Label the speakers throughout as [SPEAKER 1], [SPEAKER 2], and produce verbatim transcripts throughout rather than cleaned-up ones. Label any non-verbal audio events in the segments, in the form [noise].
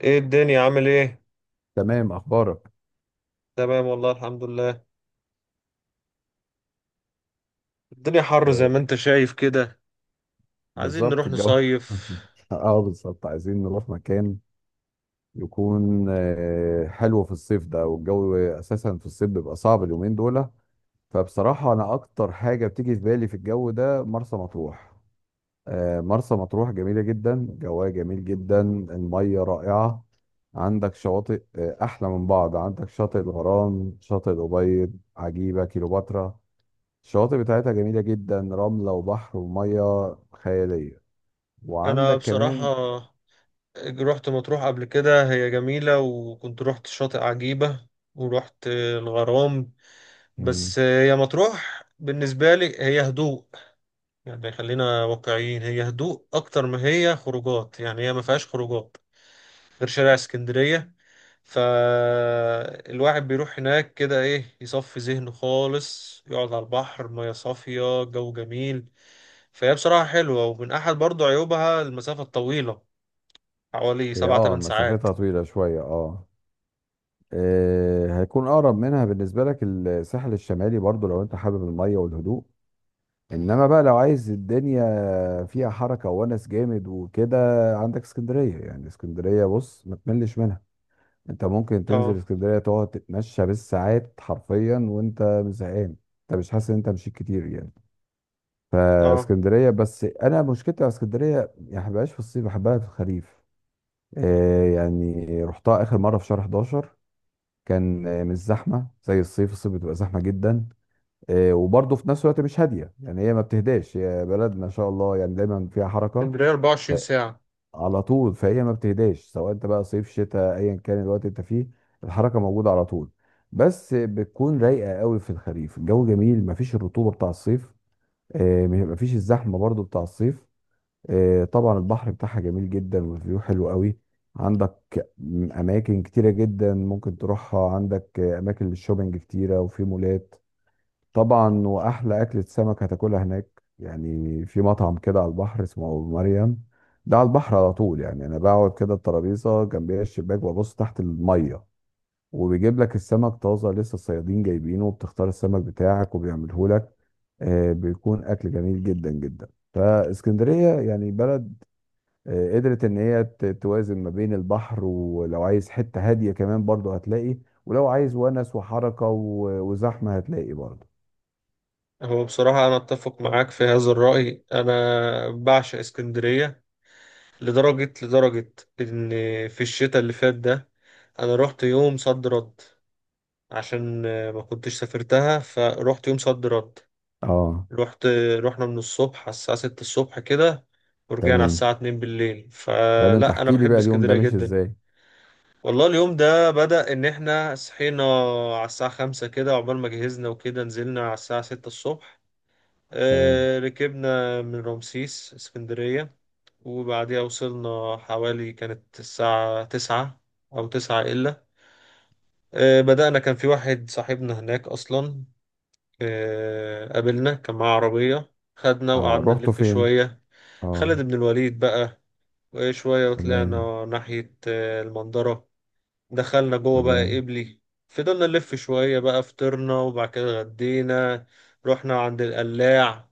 [SPEAKER 1] ايه الدنيا عامل ايه؟
[SPEAKER 2] تمام، اخبارك؟
[SPEAKER 1] تمام والله الحمد لله. الدنيا حر زي
[SPEAKER 2] آه،
[SPEAKER 1] ما انت شايف كده. عايزين
[SPEAKER 2] بالظبط
[SPEAKER 1] نروح
[SPEAKER 2] الجو.
[SPEAKER 1] نصيف.
[SPEAKER 2] [laughs] اه بالظبط، عايزين نروح مكان يكون آه، حلو في الصيف ده. والجو اساسا في الصيف بيبقى صعب اليومين دول. فبصراحه انا اكتر حاجه بتيجي في بالي في الجو ده مرسى مطروح. آه، مرسى مطروح جميله جدا، جواها جميل جدا، الميه رائعه. عندك شواطئ آه، احلى من بعض. عندك شاطئ الغرام، شاطئ الابيض، عجيبه، كيلوباترا. الشواطئ بتاعتها جميلة جدا، رملة وبحر ومية خيالية.
[SPEAKER 1] انا
[SPEAKER 2] وعندك كمان.
[SPEAKER 1] بصراحة رحت مطروح قبل كده، هي جميلة، وكنت رحت شاطئ عجيبة، ورحت الغرام.
[SPEAKER 2] مم،
[SPEAKER 1] بس هي مطروح بالنسبة لي هي هدوء. يعني خلينا واقعيين، هي هدوء اكتر ما هي خروجات. يعني هي ما فيهاش خروجات غير شارع اسكندرية. فالواحد بيروح هناك كده ايه، يصفي ذهنه خالص، يقعد على البحر، مياه صافية، جو جميل. فهي بصراحة حلوة، ومن أحد برضو عيوبها المسافة الطويلة، حوالي
[SPEAKER 2] هي
[SPEAKER 1] سبعة
[SPEAKER 2] اه
[SPEAKER 1] تمن ساعات
[SPEAKER 2] مسافتها طويلة شوية، اه. آه، هيكون أقرب منها بالنسبة لك الساحل الشمالي برضو، لو أنت حابب المية والهدوء. إنما بقى لو عايز الدنيا فيها حركة وونس جامد وكده، عندك اسكندرية. يعني اسكندرية بص ما تملش منها. أنت ممكن تنزل
[SPEAKER 1] اه.
[SPEAKER 2] اسكندرية تقعد تتمشى بالساعات حرفيا وأنت مش زهقان. أنت مش حاسس إن أنت مشيت كتير يعني.
[SPEAKER 1] اه.
[SPEAKER 2] فاسكندريه، بس انا مشكلتي مع اسكندريه يعني ما بحبهاش في الصيف، بحبها في الخريف. آه، يعني رحتها اخر مره في شهر احداشر. كان آه، مش زحمه زي الصيف. الصيف بتبقى زحمه جدا. آه، وبرضه في نفس الوقت مش هاديه. يعني هي ما بتهداش، هي بلد ما شاء الله، يعني دايما فيها حركه.
[SPEAKER 1] اسكندرية
[SPEAKER 2] ف-
[SPEAKER 1] اربعة وعشرين ساعة.
[SPEAKER 2] على طول. فهي ما بتهداش سواء انت بقى صيف شتاء ايا كان الوقت انت فيه. الحركه موجوده على طول. بس بتكون رايقه قوي في الخريف، الجو جميل، ما فيش الرطوبه بتاع الصيف. آه، ما فيش الزحمه برضو بتاع الصيف. آه، طبعا البحر بتاعها جميل جدا، والفيو حلو قوي. عندك م- اماكن كتيره جدا ممكن تروحها. عندك آه، اماكن للشوبينج كتيره، وفي مولات طبعا. واحلى اكله سمك هتاكلها هناك، يعني في مطعم كده على البحر اسمه ابو مريم. ده على البحر على طول، يعني انا بقعد كده الترابيزه جنبيها الشباك وابص تحت الميه، وبيجيب لك السمك طازه لسه الصيادين جايبينه، وبتختار السمك بتاعك وبيعمله لك. آه، بيكون اكل جميل جدا جدا. فاسكندريه يعني بلد آه، قدرت ان هي ت- توازن ما بين البحر، ولو عايز حتة هادية كمان برضه هتلاقي، ولو عايز ونس وحركة و- وزحمة هتلاقي برضه.
[SPEAKER 1] هو بصراحة أنا أتفق معاك في هذا الرأي، أنا بعشق اسكندرية لدرجة لدرجة إن في الشتاء اللي فات ده أنا رحت يوم صد رد عشان آه، ما كنتش سافرتها، فروحت يوم صد رد.
[SPEAKER 2] اه
[SPEAKER 1] رحت رحنا من الصبح على الساعة ستة الصبح كده، ورجعنا على
[SPEAKER 2] تمام.
[SPEAKER 1] الساعة اتنين بالليل.
[SPEAKER 2] ده ده انت
[SPEAKER 1] فلا أنا
[SPEAKER 2] احكي لي
[SPEAKER 1] بحب
[SPEAKER 2] بقى اليوم ده
[SPEAKER 1] اسكندرية
[SPEAKER 2] مش
[SPEAKER 1] جدا.
[SPEAKER 2] ازاي؟
[SPEAKER 1] والله اليوم ده بدأ إن إحنا صحينا على الساعة خمسة كده، عقبال ما جهزنا وكده نزلنا على الساعة ستة الصبح.
[SPEAKER 2] تمام.
[SPEAKER 1] آه، ركبنا من رمسيس اسكندرية، وبعديها وصلنا حوالي كانت الساعة تسعة أو تسعة إلا. آه، بدأنا، كان في واحد صاحبنا هناك أصلا. آه، قابلنا، كان معاه عربية، خدنا
[SPEAKER 2] اه،
[SPEAKER 1] وقعدنا
[SPEAKER 2] رحتوا
[SPEAKER 1] نلف
[SPEAKER 2] فين؟
[SPEAKER 1] شوية. خالد
[SPEAKER 2] اه.
[SPEAKER 1] بن الوليد بقى، وشوية
[SPEAKER 2] تمام.
[SPEAKER 1] وطلعنا ناحية آه، المنظرة. دخلنا جوه بقى
[SPEAKER 2] تمام.
[SPEAKER 1] قبلي. فضلنا نلف شوية بقى، فطرنا وبعد كده غدينا. رحنا عند القلاع.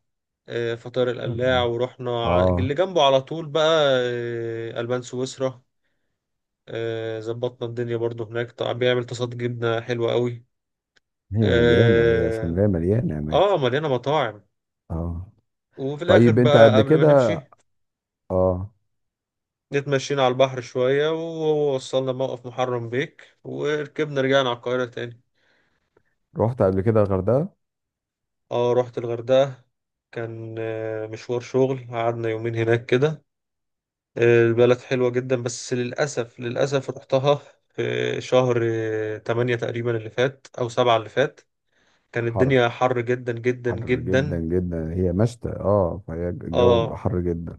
[SPEAKER 1] آه، فطار
[SPEAKER 2] تمام.
[SPEAKER 1] القلاع، ورحنا ع- اللي
[SPEAKER 2] اه،
[SPEAKER 1] جنبه على طول بقى آه، ألبان سويسرا. آه، ظبطنا الدنيا برضو هناك. طبعا بيعمل تصاد، جبنة حلوة قوي.
[SPEAKER 2] هي مليانة هي
[SPEAKER 1] اه.
[SPEAKER 2] اسكندرية مليانة اماكن.
[SPEAKER 1] آه، مليانة مطاعم.
[SPEAKER 2] اه.
[SPEAKER 1] وفي الآخر
[SPEAKER 2] طيب، انت
[SPEAKER 1] بقى
[SPEAKER 2] قبل
[SPEAKER 1] قبل ما نمشي
[SPEAKER 2] كده اه،
[SPEAKER 1] اتمشينا على البحر شوية، ووصلنا موقف محرم بيك، وركبنا رجعنا على القاهرة تاني.
[SPEAKER 2] رحت قبل كده الغردقة؟
[SPEAKER 1] اه رحت الغردقة، كان آه، مشوار شغل، قعدنا يومين هناك كده. آه، البلد حلوة جدا، بس للأسف للأسف رحتها في شهر آه، تمانية تقريبا اللي فات أو سبعة اللي فات. كان
[SPEAKER 2] حر.
[SPEAKER 1] الدنيا حر جدا جدا
[SPEAKER 2] حر
[SPEAKER 1] جدا.
[SPEAKER 2] جدا جدا، هي مشتى اه، فهي الجو
[SPEAKER 1] اه.
[SPEAKER 2] حر جدا.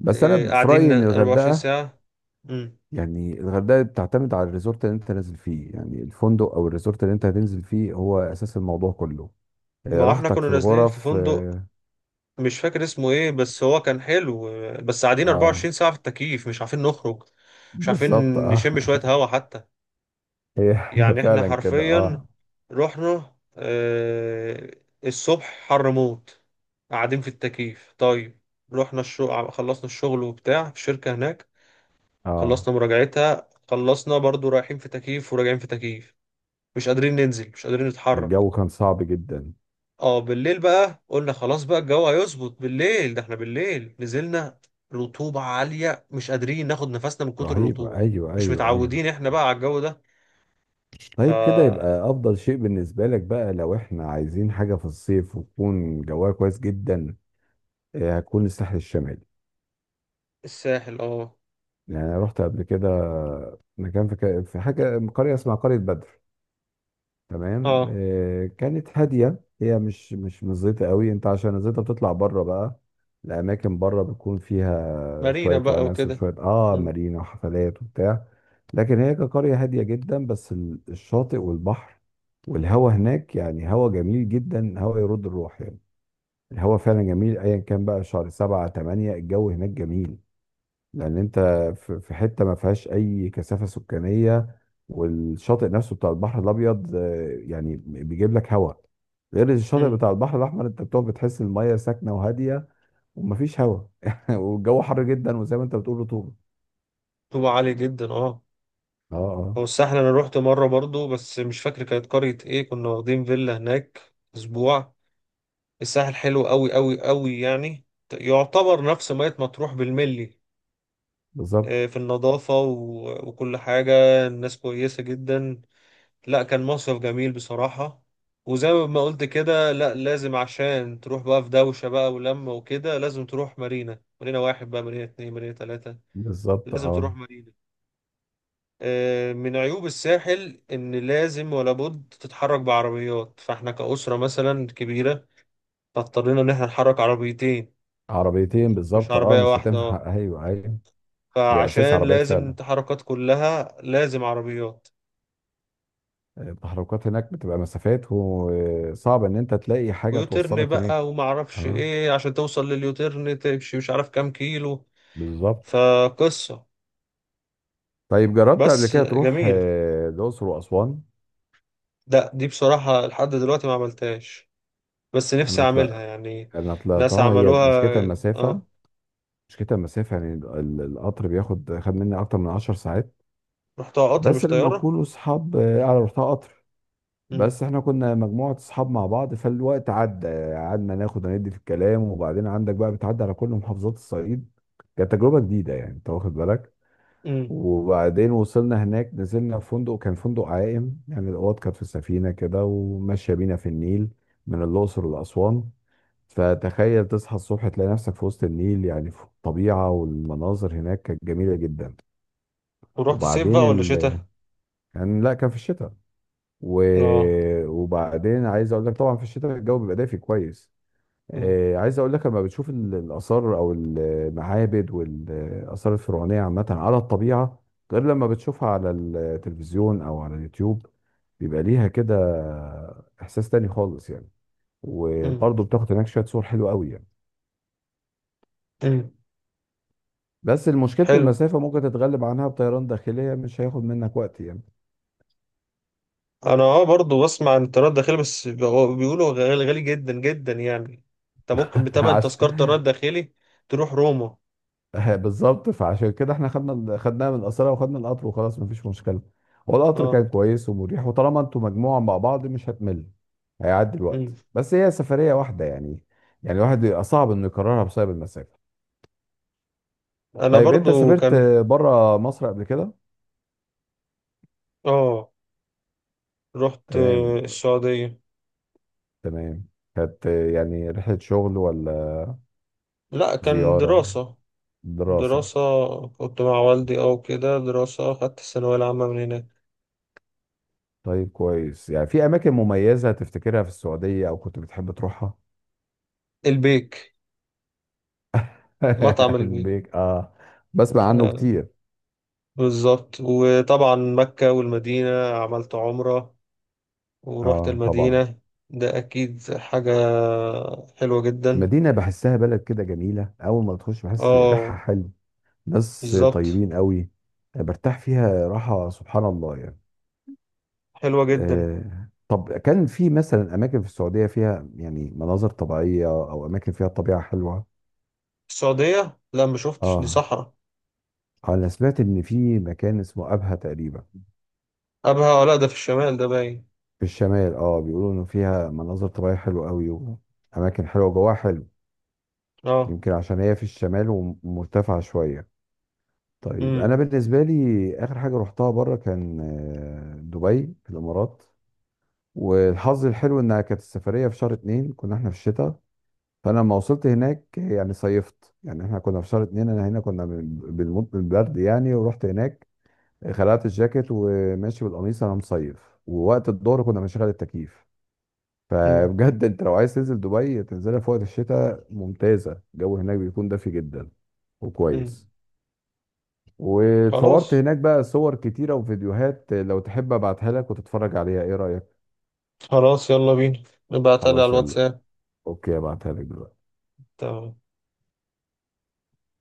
[SPEAKER 2] بس انا
[SPEAKER 1] آه،
[SPEAKER 2] ب- في
[SPEAKER 1] قاعدين
[SPEAKER 2] رايي ان
[SPEAKER 1] اربع وعشرين
[SPEAKER 2] الغردقه،
[SPEAKER 1] ساعة. مم.
[SPEAKER 2] يعني الغردقه بتعتمد على الريزورت اللي انت نازل فيه. يعني الفندق او الريزورت اللي انت هتنزل فيه هو اساس الموضوع كله. آه،
[SPEAKER 1] ما هو احنا
[SPEAKER 2] راحتك
[SPEAKER 1] كنا
[SPEAKER 2] في
[SPEAKER 1] نازلين في
[SPEAKER 2] الغرف
[SPEAKER 1] فندق،
[SPEAKER 2] اه.
[SPEAKER 1] مش فاكر اسمه ايه بس هو كان حلو. بس قاعدين
[SPEAKER 2] آه،
[SPEAKER 1] اربعة وعشرين ساعة في التكييف، مش عارفين نخرج، مش عارفين
[SPEAKER 2] بالظبط اه.
[SPEAKER 1] نشم شوية
[SPEAKER 2] [laughs]
[SPEAKER 1] هوا حتى.
[SPEAKER 2] هي هي
[SPEAKER 1] يعني احنا
[SPEAKER 2] فعلا كده
[SPEAKER 1] حرفيا
[SPEAKER 2] اه.
[SPEAKER 1] رحنا آه، الصبح حر موت، قاعدين في التكييف. طيب رحنا الشغل، خلصنا الشغل وبتاع في الشركة هناك،
[SPEAKER 2] اه.
[SPEAKER 1] خلصنا مراجعتها، خلصنا برضو رايحين في تكييف وراجعين في تكييف، مش قادرين ننزل، مش قادرين نتحرك.
[SPEAKER 2] الجو كان صعب جدا.
[SPEAKER 1] اه بالليل بقى قلنا خلاص بقى الجو هيظبط بالليل، ده احنا بالليل نزلنا رطوبة عالية، مش قادرين ناخد نفسنا من كتر
[SPEAKER 2] رهيب،
[SPEAKER 1] الرطوبة.
[SPEAKER 2] ايوه
[SPEAKER 1] مش
[SPEAKER 2] ايوه ايوه.
[SPEAKER 1] متعودين احنا بقى على الجو ده.
[SPEAKER 2] طيب، كده
[SPEAKER 1] فالساحل.
[SPEAKER 2] يبقى افضل شيء بالنسبه لك بقى لو احنا عايزين حاجه في الصيف وتكون جواها كويس جدا آه، هتكون الساحل الشمالي.
[SPEAKER 1] اه.
[SPEAKER 2] يعني أنا رحت قبل كده مكان في ك- في حاجة قرية اسمها قرية بدر. تمام،
[SPEAKER 1] اه.
[SPEAKER 2] آه، كانت هادية. هي مش مش مزيتة قوي، انت عشان الزيطة بتطلع بره بقى. الأماكن بره بتكون فيها
[SPEAKER 1] مارينا
[SPEAKER 2] شوية
[SPEAKER 1] بقى
[SPEAKER 2] ونس
[SPEAKER 1] وكده.
[SPEAKER 2] وشوية اه،
[SPEAKER 1] مم.
[SPEAKER 2] مارينا وحفلات وبتاع. لكن هي كقرية هادية جدا، بس ال- الشاطئ والبحر والهوا هناك، يعني هوا جميل جدا، هوا يرد الروح يعني. الهوا فعلا جميل ايا كان بقى شهر سبعة تمانية، الجو هناك جميل. لان انت في في حته ما فيهاش اي كثافه سكانيه. والشاطئ نفسه بتاع البحر الابيض آه، يعني بيجيب لك هواء، غير الشاطئ
[SPEAKER 1] مم.
[SPEAKER 2] بتاع البحر الاحمر، انت بتقعد بتحس الميه ساكنه وهاديه ومفيش هواء. [laughs] والجو حر جدا، وزي ما انت بتقول رطوبه.
[SPEAKER 1] رطوبة عالية جدا اه.
[SPEAKER 2] اه اه.
[SPEAKER 1] هو الساحل انا روحت مرة برضو، بس مش فاكر كانت قرية ايه، كنا واخدين فيلا هناك اسبوع. الساحل حلو قوي قوي قوي يعني. يعتبر نفس مية مطروح بالملي،
[SPEAKER 2] بالظبط،
[SPEAKER 1] آه، في النظافة و- وكل حاجة. الناس كويسة جدا. لا كان مصيف جميل بصراحة. وزي ما قلت كده لا لازم عشان تروح بقى في دوشة بقى ولمة وكده، لازم تروح مارينا، مارينا واحد بقى، مارينا اتنين، مارينا تلاتة.
[SPEAKER 2] بالظبط
[SPEAKER 1] لازم تروح
[SPEAKER 2] اه.
[SPEAKER 1] مارينا. آه، من عيوب الساحل إن لازم ولا بد تتحرك بعربيات، فاحنا كأسرة مثلا كبيرة، فاضطرينا إن احنا نحرك عربيتين،
[SPEAKER 2] عربيتين
[SPEAKER 1] مش
[SPEAKER 2] بالظبط اه،
[SPEAKER 1] عربية
[SPEAKER 2] مش
[SPEAKER 1] واحدة اه.
[SPEAKER 2] هتنفع. [laughs] ايوه ايوه. هي اساس
[SPEAKER 1] فعشان
[SPEAKER 2] عربيات
[SPEAKER 1] لازم
[SPEAKER 2] فعلا.
[SPEAKER 1] التحركات كلها لازم عربيات.
[SPEAKER 2] التحركات هناك بتبقى مسافات، وصعب ان انت تلاقي حاجه
[SPEAKER 1] ويوترن
[SPEAKER 2] توصلك هناك.
[SPEAKER 1] بقى وما اعرفش
[SPEAKER 2] اه
[SPEAKER 1] ايه، عشان توصل لليوترن تمشي مش عارف كام كيلو.
[SPEAKER 2] بالظبط.
[SPEAKER 1] فقصة.
[SPEAKER 2] طيب جربت قبل
[SPEAKER 1] بس
[SPEAKER 2] كده تروح
[SPEAKER 1] جميل.
[SPEAKER 2] آه، الأقصر وأسوان؟
[SPEAKER 1] ده دي بصراحة لحد دلوقتي ما عملتهاش، بس نفسي
[SPEAKER 2] أنا
[SPEAKER 1] اعملها
[SPEAKER 2] طلع
[SPEAKER 1] يعني.
[SPEAKER 2] أنا
[SPEAKER 1] ناس
[SPEAKER 2] طلعتها، هي
[SPEAKER 1] عملوها.
[SPEAKER 2] مشكلتها المسافة.
[SPEAKER 1] اه
[SPEAKER 2] مشكلتها المسافة، يعني ال- ال- القطر بياخد خد مني أكتر من عشر ساعات.
[SPEAKER 1] رحتها قطر
[SPEAKER 2] بس
[SPEAKER 1] مش
[SPEAKER 2] لما
[SPEAKER 1] طيارة.
[SPEAKER 2] كنا أصحاب آه، أنا رحتها قطر،
[SPEAKER 1] امم.
[SPEAKER 2] بس إحنا كنا مجموعة أصحاب مع بعض فالوقت عدى. قعدنا ناخد وندي في الكلام، وبعدين عندك بقى بتعدي على كل محافظات الصعيد. كانت تجربة جديدة، يعني أنت واخد بالك.
[SPEAKER 1] امم.
[SPEAKER 2] وبعدين وصلنا هناك نزلنا في فندق، كان فندق عائم، يعني الأوض كانت في سفينة كده وماشية بينا في النيل، من الأقصر لأسوان. فتخيل تصحى الصبح تلاقي نفسك في وسط النيل، يعني في الطبيعة. والمناظر هناك كانت جميلة جدا.
[SPEAKER 1] ورحت صيف
[SPEAKER 2] وبعدين
[SPEAKER 1] بقى ولا
[SPEAKER 2] ال...
[SPEAKER 1] شتاء؟
[SPEAKER 2] كان، لا كان في الشتاء و...
[SPEAKER 1] اه.
[SPEAKER 2] وبعدين عايز أقول لك طبعا في الشتاء الجو بيبقى دافي كويس.
[SPEAKER 1] امم.
[SPEAKER 2] آه، عايز اقول لك لما بتشوف ال- الاثار او المعابد والاثار الفرعونيه عامه على الطبيعه، غير لما بتشوفها على التلفزيون او على اليوتيوب، بيبقى ليها كده احساس تاني خالص يعني.
[SPEAKER 1] امم.
[SPEAKER 2] وبرضه بتاخد هناك شويه صور حلوه قوي يعني.
[SPEAKER 1] امم.
[SPEAKER 2] بس مشكله
[SPEAKER 1] حلو.
[SPEAKER 2] المسافه ممكن تتغلب عنها بطيران داخليه، مش هياخد منك وقت يعني.
[SPEAKER 1] انا اه برضو بسمع عن الطيران الداخلي، بس بيقو- بيقولوا غالي غالي جدا جدا يعني. انت ممكن
[SPEAKER 2] [laughs]
[SPEAKER 1] بتمن تذكرة
[SPEAKER 2] عشان
[SPEAKER 1] طيران داخلي تروح روما.
[SPEAKER 2] [laughs] بالظبط. فعشان كده احنا خدنا ال- خدناها من قصرها وخدنا القطر وخلاص مفيش مشكله. هو القطر
[SPEAKER 1] اه.
[SPEAKER 2] كان كويس ومريح، وطالما انتوا مجموعه مع بعض مش هتمل، هيعدي الوقت.
[SPEAKER 1] مم.
[SPEAKER 2] بس هي سفريه واحده، يعني يعني الواحد يبقى صعب انه يكررها بسبب المسافه.
[SPEAKER 1] انا
[SPEAKER 2] طيب انت
[SPEAKER 1] برضو
[SPEAKER 2] سافرت
[SPEAKER 1] كان.
[SPEAKER 2] بره مصر قبل كده؟
[SPEAKER 1] اه رحت
[SPEAKER 2] تمام.
[SPEAKER 1] آه، السعودية.
[SPEAKER 2] تمام. كانت يعني رحله شغل ولا
[SPEAKER 1] لا كان
[SPEAKER 2] زياره؟
[SPEAKER 1] دراسة.
[SPEAKER 2] دراسه؟
[SPEAKER 1] دراسة. كنت مع والدي او كده، دراسة، خدت الثانوية العامة من هناك.
[SPEAKER 2] طيب كويس. يعني في اماكن مميزه تفتكرها في السعوديه او كنت بتحب تروحها؟
[SPEAKER 1] البيك. مطعم
[SPEAKER 2] [laughs] علم
[SPEAKER 1] البيك.
[SPEAKER 2] بيك اه. بسمع عنه
[SPEAKER 1] آه
[SPEAKER 2] كتير.
[SPEAKER 1] بالظبط. وطبعا مكة والمدينة، عملت عمرة، ورحت
[SPEAKER 2] اه طبعا.
[SPEAKER 1] المدينة. ده اكيد حاجة حلوة جدا.
[SPEAKER 2] مدينة بحسها بلد كده جميلة، أول ما تخش بحس ريحها
[SPEAKER 1] اه
[SPEAKER 2] حلو. ناس
[SPEAKER 1] بالظبط.
[SPEAKER 2] طيبين قوي. برتاح فيها راحة سبحان الله يعني.
[SPEAKER 1] حلوة جدا.
[SPEAKER 2] آه، طب كان في مثلا أماكن في السعودية فيها يعني مناظر طبيعية أو أماكن فيها طبيعة حلوة؟
[SPEAKER 1] السعودية لا ما شفتش، دي
[SPEAKER 2] اه
[SPEAKER 1] صحراء.
[SPEAKER 2] أنا سمعت إن في مكان اسمه أبها تقريبا.
[SPEAKER 1] ابها آه، لا ده في الشمال ده باين.
[SPEAKER 2] في الشمال اه، بيقولوا إنه فيها مناظر طبيعية حلوة قوي، وأماكن حلوة جواها حلو.
[SPEAKER 1] اه.
[SPEAKER 2] يمكن عشان هي في الشمال ومرتفعة شوية. طيب انا
[SPEAKER 1] مم.
[SPEAKER 2] بالنسبه لي اخر حاجه رحتها بره كان آه، دبي في الامارات. والحظ الحلو انها كانت السفريه في شهر اتنين، كنا احنا في الشتاء. فانا لما وصلت هناك يعني صيفت. يعني احنا كنا في شهر اتنين، انا هنا كنا بن- بنموت من البرد يعني، ورحت هناك خلعت الجاكيت وماشي بالقميص، انا مصيف، ووقت الظهر كنا بنشغل التكييف.
[SPEAKER 1] مم.
[SPEAKER 2] فبجد [laughs] انت لو عايز تنزل دبي تنزلها في وقت الشتاء، ممتازه. الجو هناك بيكون دافي جدا
[SPEAKER 1] مم.
[SPEAKER 2] وكويس. واتصورت
[SPEAKER 1] خلاص.
[SPEAKER 2] هناك بقى صور كتيرة وفيديوهات، لو تحب ابعتها لك وتتفرج عليها، ايه رأيك؟
[SPEAKER 1] خلاص يلا بينا. ابعتها لي على
[SPEAKER 2] خلاص يلا.
[SPEAKER 1] الواتساب.
[SPEAKER 2] اوكي ابعتها لك دلوقتي.
[SPEAKER 1] تمام.